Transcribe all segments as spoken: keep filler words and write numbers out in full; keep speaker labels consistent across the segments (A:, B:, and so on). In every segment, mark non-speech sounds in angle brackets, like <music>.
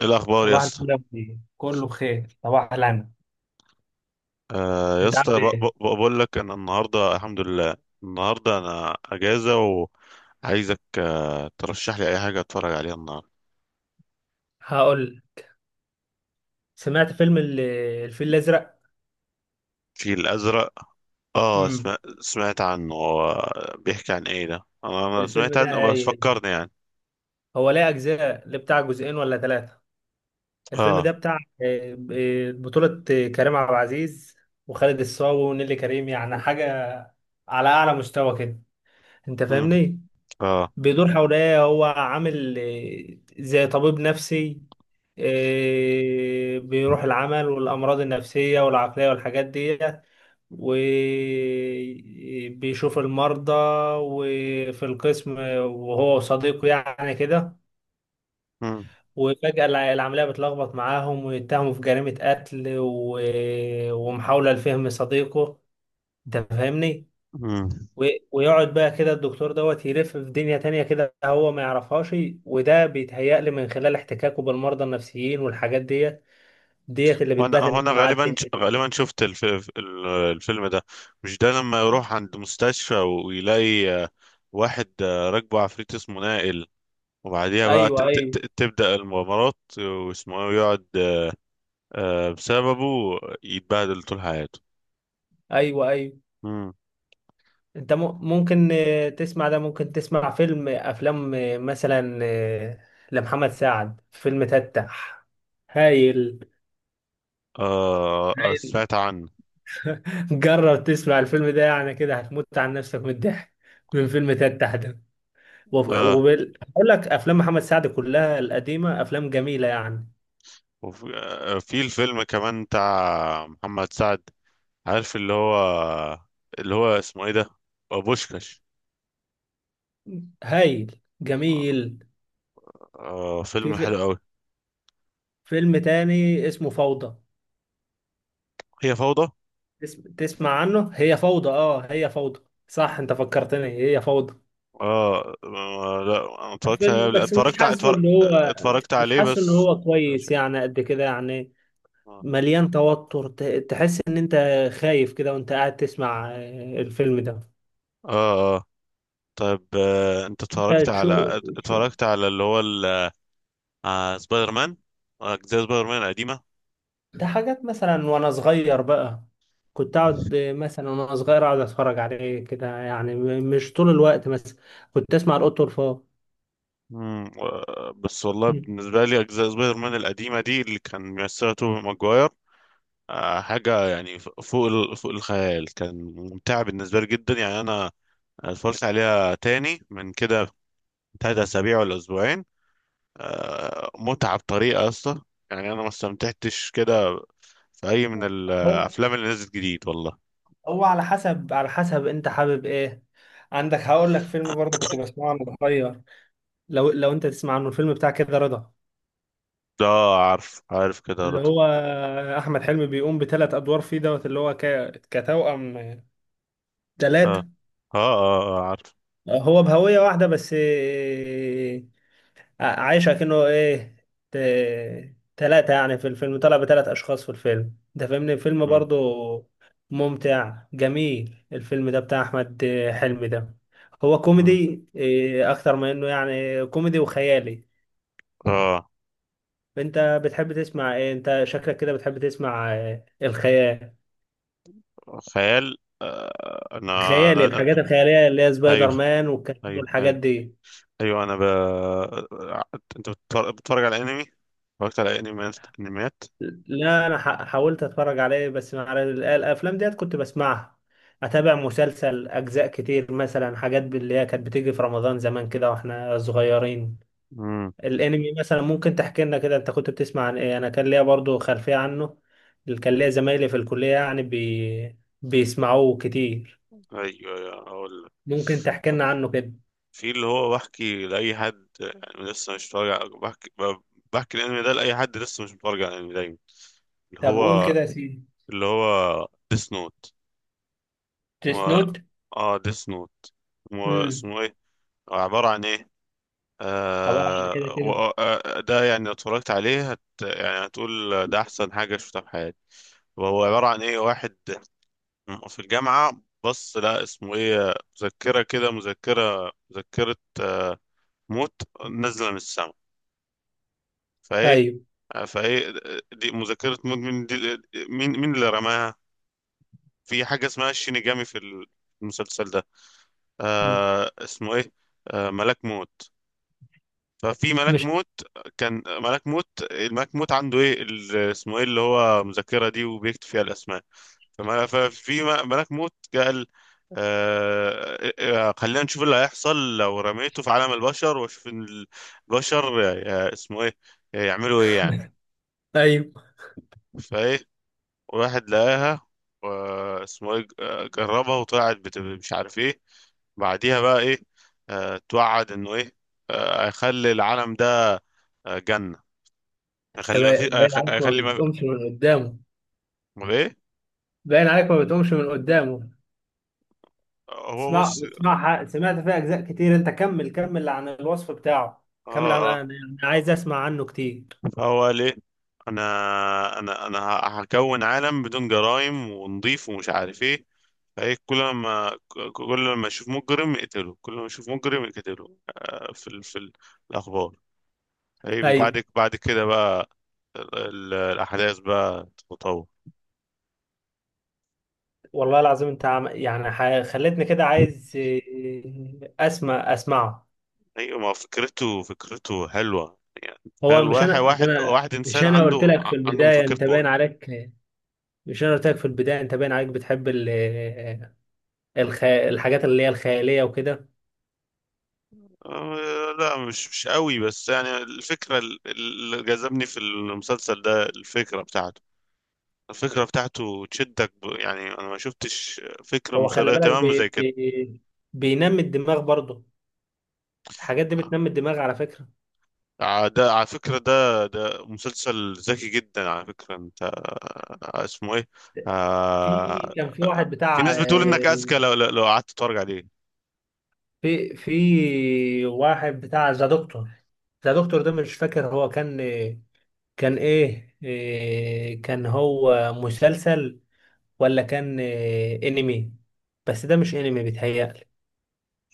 A: إيه الاخبار يا
B: صباح
A: اسطى؟
B: الفل يا مدير، كله بخير، صباح الهنا.
A: آه يا
B: انت عامل
A: اسطى ب- ب-
B: ايه؟
A: بقول لك ان النهارده الحمد لله. النهارده انا اجازه، وعايزك آه ترشح لي اي حاجه اتفرج عليها النهارده.
B: هقول. سمعت فيلم ال- الفيل الازرق.
A: الفيل الازرق، اه
B: امم.
A: سمعت, سمعت عنه. هو بيحكي عن ايه ده؟ انا انا
B: الفيلم
A: سمعت
B: ده
A: عنه بس
B: هايل.
A: فكرني يعني.
B: هو ليه اجزاء؟ ليه بتاع جزئين ولا ثلاثه؟ الفيلم
A: اه.
B: ده بتاع آه، آه، بطوله آه، كريم عبد العزيز وخالد الصاوي ونيلي كريم، يعني حاجه على اعلى مستوى كده. انت
A: مم.
B: فاهمني؟
A: اه.
B: بيدور حواليا، هو عامل آه، زي طبيب نفسي، آه، بيروح العمل والأمراض النفسية والعقلية والحاجات دي، وبيشوف المرضى وفي القسم، وهو وصديقه يعني كده.
A: مم.
B: وفجأة الع- العملية بتلخبط معاهم ويتهموا في جريمة قتل و... ومحاولة لفهم صديقه. انت فاهمني؟
A: مم.
B: و- ويقعد بقى كده الدكتور دوت يلف في دنيا تانية كده، هو ما يعرفهاش. وده بيتهيألي من خلال احتكاكه بالمرضى النفسيين والحاجات ديت، ديت اللي
A: وانا
B: بتبهدل
A: وانا
B: معاه
A: غالبا
B: الدنيا دي.
A: غالبا شفت الف... ال- الفيلم ده. مش ده لما يروح عند مستشفى ويلاقي آه، واحد آه، راكبه عفريت اسمه نائل، وبعديها بقى ت-
B: ايوه،
A: ت-
B: ايوه،
A: ت- تبدأ المغامرات واسمه ايه ويقعد آه، بسببه يتبهدل طول حياته.
B: ايوه، ايوه.
A: مم.
B: انت م- ممكن آه، تسمع ده، ممكن تسمع فيلم افلام آه، مثلا آه، لمحمد سعد فيلم تتح. هايل.
A: آه آه،
B: هايل.
A: سمعت عنه.
B: <laughs> جرب تسمع الفيلم ده، يعني كده هتموت عن نفسك من الضحك من فيلم تتح ده.
A: آه.
B: وبقول لك افلام محمد سعد كلها القديمه افلام جميله يعني.
A: وفي آه، في الفيلم كمان بتاع محمد سعد، عارف اللي هو، اللي هو اسمه ايه ده، آه، بوشكاش.
B: هايل جميل.
A: آه،
B: في
A: فيلم حلو
B: في
A: قوي.
B: فيلم تاني اسمه فوضى.
A: هي فوضى.
B: تس- تسمع عنه؟ هي فوضى، اه، هي فوضى. صح، انت فكرتني، هي فوضى.
A: آه, آه، لا أنا اتفرجت عليه
B: فيلم
A: قبل-
B: بس مش
A: اتفرجت ع-
B: حاسه
A: اتفر-
B: اللي هو،
A: اتفرجت
B: مش
A: عليه
B: حاسه ان
A: بس.
B: هو كويس يعني قد كده يعني.
A: آه.
B: مليان توتر، ت- تحس ان انت خايف كده وانت قاعد تسمع آه، الفيلم ده.
A: آه. طيب، آه، انت اتفرجت
B: انت شو؟
A: على اتفرجت على اللي هو ال- آه، سبايدر مان، اجزاء سبايدر مان القديمه.
B: ده حاجات مثلا وانا صغير بقى، كنت اقعد مثلا وانا صغير اقعد اتفرج عليه كده يعني، م- مش طول الوقت مثلا. كنت اسمع القط والفار.
A: مم. و- بس والله
B: مم.
A: بالنسبه لي اجزاء سبايدر مان القديمه دي اللي كان بيمثلها توبي ماجواير آه، حاجه يعني ف- فوق ال- فوق الخيال. كان ممتع بالنسبه لي جدا، يعني انا اتفرجت عليها تاني من كده تلات اسابيع ولا اسبوعين. آه، متعه بطريقه يا اسطى. يعني انا ما استمتعتش كده في اي من
B: هو
A: الافلام اللي نزلت جديد والله.
B: هو على حسب على حسب انت حابب ايه. عندك هقول لك فيلم برضه كنت بسمعه وانا صغير. لو لو انت تسمع عنه الفيلم بتاع كده رضا.
A: ده عارف، عارف كده
B: اللي
A: رضا.
B: هو احمد حلمي، بيقوم بثلاث ادوار فيه دوت، اللي هو ك... كتوأم.
A: اه.
B: ثلاثة.
A: اه اه, آه عارف.
B: هو بهوية واحدة بس، ع- عايشة كأنه ايه، ت... تلاتة يعني. في الفيلم طلع بتلات أشخاص، في الفيلم ده فاهمني؟ الفيلم
A: مم.
B: برضو ممتع جميل. الفيلم ده بتاع أحمد حلمي ده، هو
A: مم.
B: كوميدي إيه أكتر ما إنه يعني كوميدي وخيالي.
A: اه.
B: أنت بتحب تسمع إيه؟ أنت شكلك كده بتحب تسمع إيه؟ الخيال،
A: خيال، آه. انا
B: الخيالي،
A: أنا- أنا-
B: الحاجات الخيالية اللي هي سبايدر
A: ايوه.
B: مان والكلام
A: ايوه.
B: والحاجات
A: ايوه
B: دي.
A: ايوه انا ب... انت بتتفرج بتتفرج على انمي؟ اتفرجت على انميات، انميات.
B: لا، انا ح- حاولت اتفرج عليه، بس مع ال- الافلام ديت كنت بسمعها. اتابع مسلسل اجزاء كتير، مثلا حاجات اللي هي كانت بتيجي في رمضان زمان كده واحنا صغيرين.
A: امم.
B: الانمي مثلا ممكن تحكي لنا كده، انت كنت بتسمع عن ايه؟ انا كان ليا برضو خلفية عنه، كان ليا زمايلي في الكلية يعني بي... بيسمعوه كتير.
A: ايوه ايوه اقول لك.
B: ممكن تحكي لنا عنه كده.
A: في اللي هو بحكي لاي حد يعني لسه مش متفرج على- بحكي ب- بحكي الانمي ده لاي حد لسه مش متفرج على الانمي دايما، اللي
B: طب قول
A: هو
B: كده يا سيدي.
A: اللي هو ديس نوت.
B: ديس
A: و...
B: نوت.
A: اه، ديس نوت.
B: امم.
A: اسمه ايه؟ عبارة عن ايه؟
B: عبارة عن كده
A: آه. و-
B: كده.
A: آه، آه، ده يعني لو اتفرجت عليه هت يعني هتقول ده أحسن حاجة شفتها في حياتي. وهو عبارة عن إيه؟ واحد في الجامعة، بص، لا، اسمه إيه، مذكرة كده، مذكرة مذكرة آه موت نازلة من السماء. فإيه،
B: ايوه.
A: آه، فإيه، دي مذكرة موت مين دي؟ مين مين اللي رماها؟ في حاجة اسمها الشينيجامي في المسلسل ده،
B: مم.
A: آه اسمه إيه، آه، ملاك موت. ففي ملك
B: مش.
A: موت، كان ملك موت، الملك موت عنده ايه ال- اسمه ايه اللي هو مذكرة دي، وبيكتب فيها الاسماء. فما- ففي م- ملك موت قال آه آه، خلينا نشوف اللي هيحصل لو رميته في عالم البشر واشوف إن البشر آه، اسمه ايه آه، يعملوا ايه يعني.
B: ايوه.
A: فايه، واحد لقاها، واسمه ايه آه، جربها وطلعت بت- مش عارف ايه. بعديها بقى ايه، آه، توعد انه ايه، آه، هيخلي العالم ده آه، جنة.
B: انت
A: اخلي ما في
B: باين باين
A: أخ-
B: عليك ما
A: اخلي ما،
B: بتقومش من قدامه.
A: امال ايه.
B: باين عليك ما بتقومش من قدامه.
A: هو
B: اسمع
A: بص.
B: اسمعها، سمعت فيها اجزاء كتير، انت كمل كمل عن الوصف بتاعه. كمل
A: اه.
B: عن، انا
A: اه.
B: أنا عايز اسمع عنه كتير.
A: فهو ليه، انا انا انا ه- هكون عالم بدون جرائم ونضيف ومش عارف ايه. فايه كل ما ك- كل ما اشوف مجرم اقتله، كل ما اشوف مجرم اقتله آه، في ال- في ال- الاخبار. اي
B: ايوه.
A: بعد بعد كده بقى ال- ال- الاحداث بقى تتطور.
B: والله العظيم، انت عم... يعني ح... خلتني كده عايز إيه، اسمع اسمعه.
A: ايوه، ما فكرته، فكرته حلوه يعني. تخيل
B: هو مش
A: واحد
B: انا، مش
A: واحد
B: انا.
A: واحد
B: مش
A: انسان
B: انا قلت
A: عنده
B: لك
A: ع-
B: في
A: عنده
B: البدايه
A: مفكرة
B: انت
A: موت.
B: باين عليك. مش انا قلت لك في البدايه انت باين عليك بتحب ال... الخ... الحاجات اللي هي الخياليه وكده.
A: آه، لا مش مش قوي، بس يعني الفكرة ال- اللي جذبني في المسلسل ده الفكرة بتاعته. الفكرة بتاعته تشدك ب... يعني أنا ما شفتش فكرة
B: هو خلي
A: مسلية
B: بالك،
A: تمام زي
B: بي...
A: كده.
B: بي... بينمي الدماغ برضه، الحاجات دي بتنمي الدماغ على فكرة.
A: آه، ده على فكرة، ده ده مسلسل ذكي جدا على فكرة. أنت آه، اسمه إيه؟ آه.
B: في كان في
A: آه، آه،
B: واحد
A: في
B: بتاع
A: ناس بتقول إنك
B: آه،
A: أذكى لو لو لو قعدت تتفرج عليه.
B: في في واحد بتاع ذا دكتور. ذا دكتور ده مش فاكر هو كان، كان ايه، آه، كان هو مسلسل ولا كان آه، انمي؟ بس ده مش انمي بيتهيألي.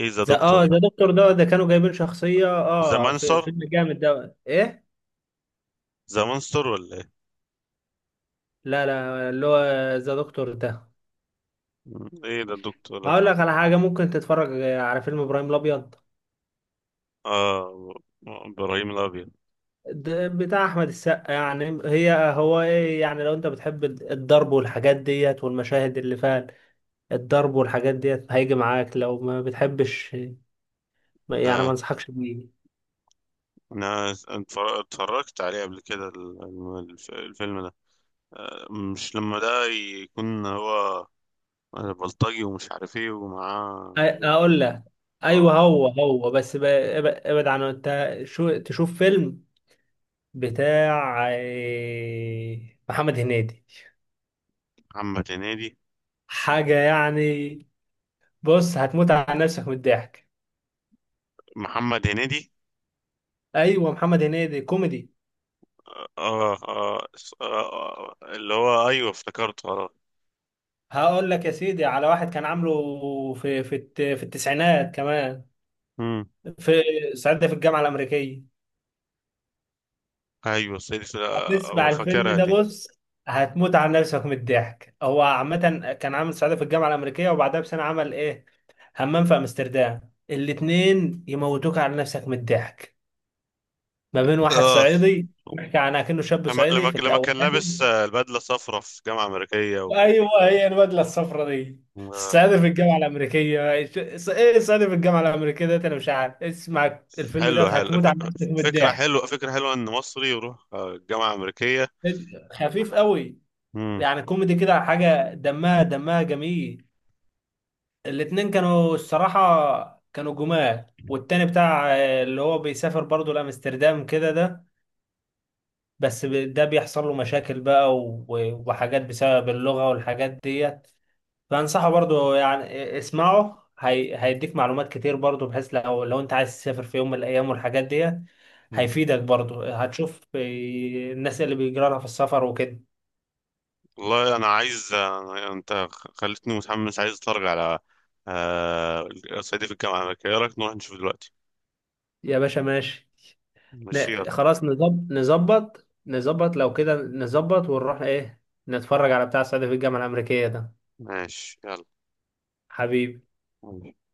A: إيه ذا
B: ذا
A: دكتور
B: اه
A: ده؟
B: ذا دكتور ده ده كانوا جايبين شخصية
A: ذا
B: اه في
A: مانستر؟
B: فيلم جامد، ده ايه؟
A: ذا مانستر ولا إيه؟
B: لا لا، اللي هو ذا دكتور ده.
A: إيه ده الدكتور ده؟
B: هقول لك على حاجة، ممكن تتفرج على فيلم إبراهيم الأبيض.
A: آه. إبراهيم الأبيض.
B: ده بتاع أحمد السقا، يعني هي هو إيه يعني، لو أنت بتحب الضرب والحاجات ديت والمشاهد اللي فيها الضرب والحاجات ديت هيجي معاك، لو ما بتحبش ما- يعني ما
A: آه،
B: أنصحكش بيه.
A: انا اتفر- اتفرجت عليه قبل كده ال- الف- الفيلم ده. آه، مش لما ده يكون هو بلطجي ومش عارف ايه
B: أ-
A: ومعاه أيوة.
B: أقول لك. أيوه
A: اه.
B: هو هو بس ب- اب- ابعد عنه. أنت شو تشوف فيلم بتاع إيه، محمد هنيدي،
A: محمد هنيدي.
B: حاجة يعني. بص هتموت على نفسك من الضحك.
A: محمد هنيدي.
B: أيوه محمد هنيدي كوميدي.
A: اه اه, آه, آه اللي هو ايوه، افتكرته اه.
B: هقول لك يا سيدي على واحد كان عامله في في الت- في التسعينات كمان.
A: مم.
B: في صعيدي في الجامعه الامريكيه.
A: ايوه سيدي، في،
B: هتسمع
A: آه،
B: الفيلم
A: فاكرها
B: ده،
A: دي.
B: بص هتموت على نفسك من الضحك. هو عامه كان عامل صعيدي في الجامعه الامريكيه، وبعدها بسنه عمل ايه، همام في امستردام. الاتنين يموتوك على نفسك من الضحك، ما بين واحد
A: اه،
B: صعيدي بيحكي عن كأنه شاب
A: لما
B: صعيدي
A: لما
B: في
A: لما كان لابس
B: الاولاني.
A: آه، البدله صفرا في جامعه امريكيه و...
B: ايوه هي البدله الصفراء دي.
A: آه.
B: السعاده في الجامعه الامريكيه ايه، السعاده في الجامعه الامريكيه ده انا مش عارف، اسمع الفيلم ده
A: حلو حلو.
B: هتموت على نفسك من
A: ف- فكره
B: الضحك.
A: حلوه، فكره حلوه ان مصري يروح آه، جامعه امريكيه.
B: خفيف قوي،
A: مم.
B: يعني كوميدي كده حاجه، دمها دمها جميل. الاتنين كانوا الصراحه كانوا جمال، والتاني بتاع آه، اللي هو بيسافر برضه لامستردام كده ده، بس ب- ده بيحصل له مشاكل بقى و- وحاجات بسبب اللغه والحاجات ديت. فانصحه برضو يعني، اسمعه، هي... هيديك معلومات كتير برضو، بحيث لو لو انت عايز تسافر في يوم من الايام والحاجات دي
A: مم.
B: هيفيدك برضو. هتشوف إيه الناس اللي بيجرى لها في السفر وكده.
A: والله انا عايز، أنا... انت خلتني متحمس عايز اتفرج على آه، صعيدي في الجامعه الامريكيه. ايه رايك نروح نشوف دلوقتي؟
B: يا باشا ماشي.
A: ماشي يلا.
B: ن... خلاص نظب... نظبط، نظبط لو كده نظبط ونروح ايه، نتفرج على بتاع السعودية في الجامعة الأمريكية ده.
A: ماشي
B: حبيبي.
A: يلا.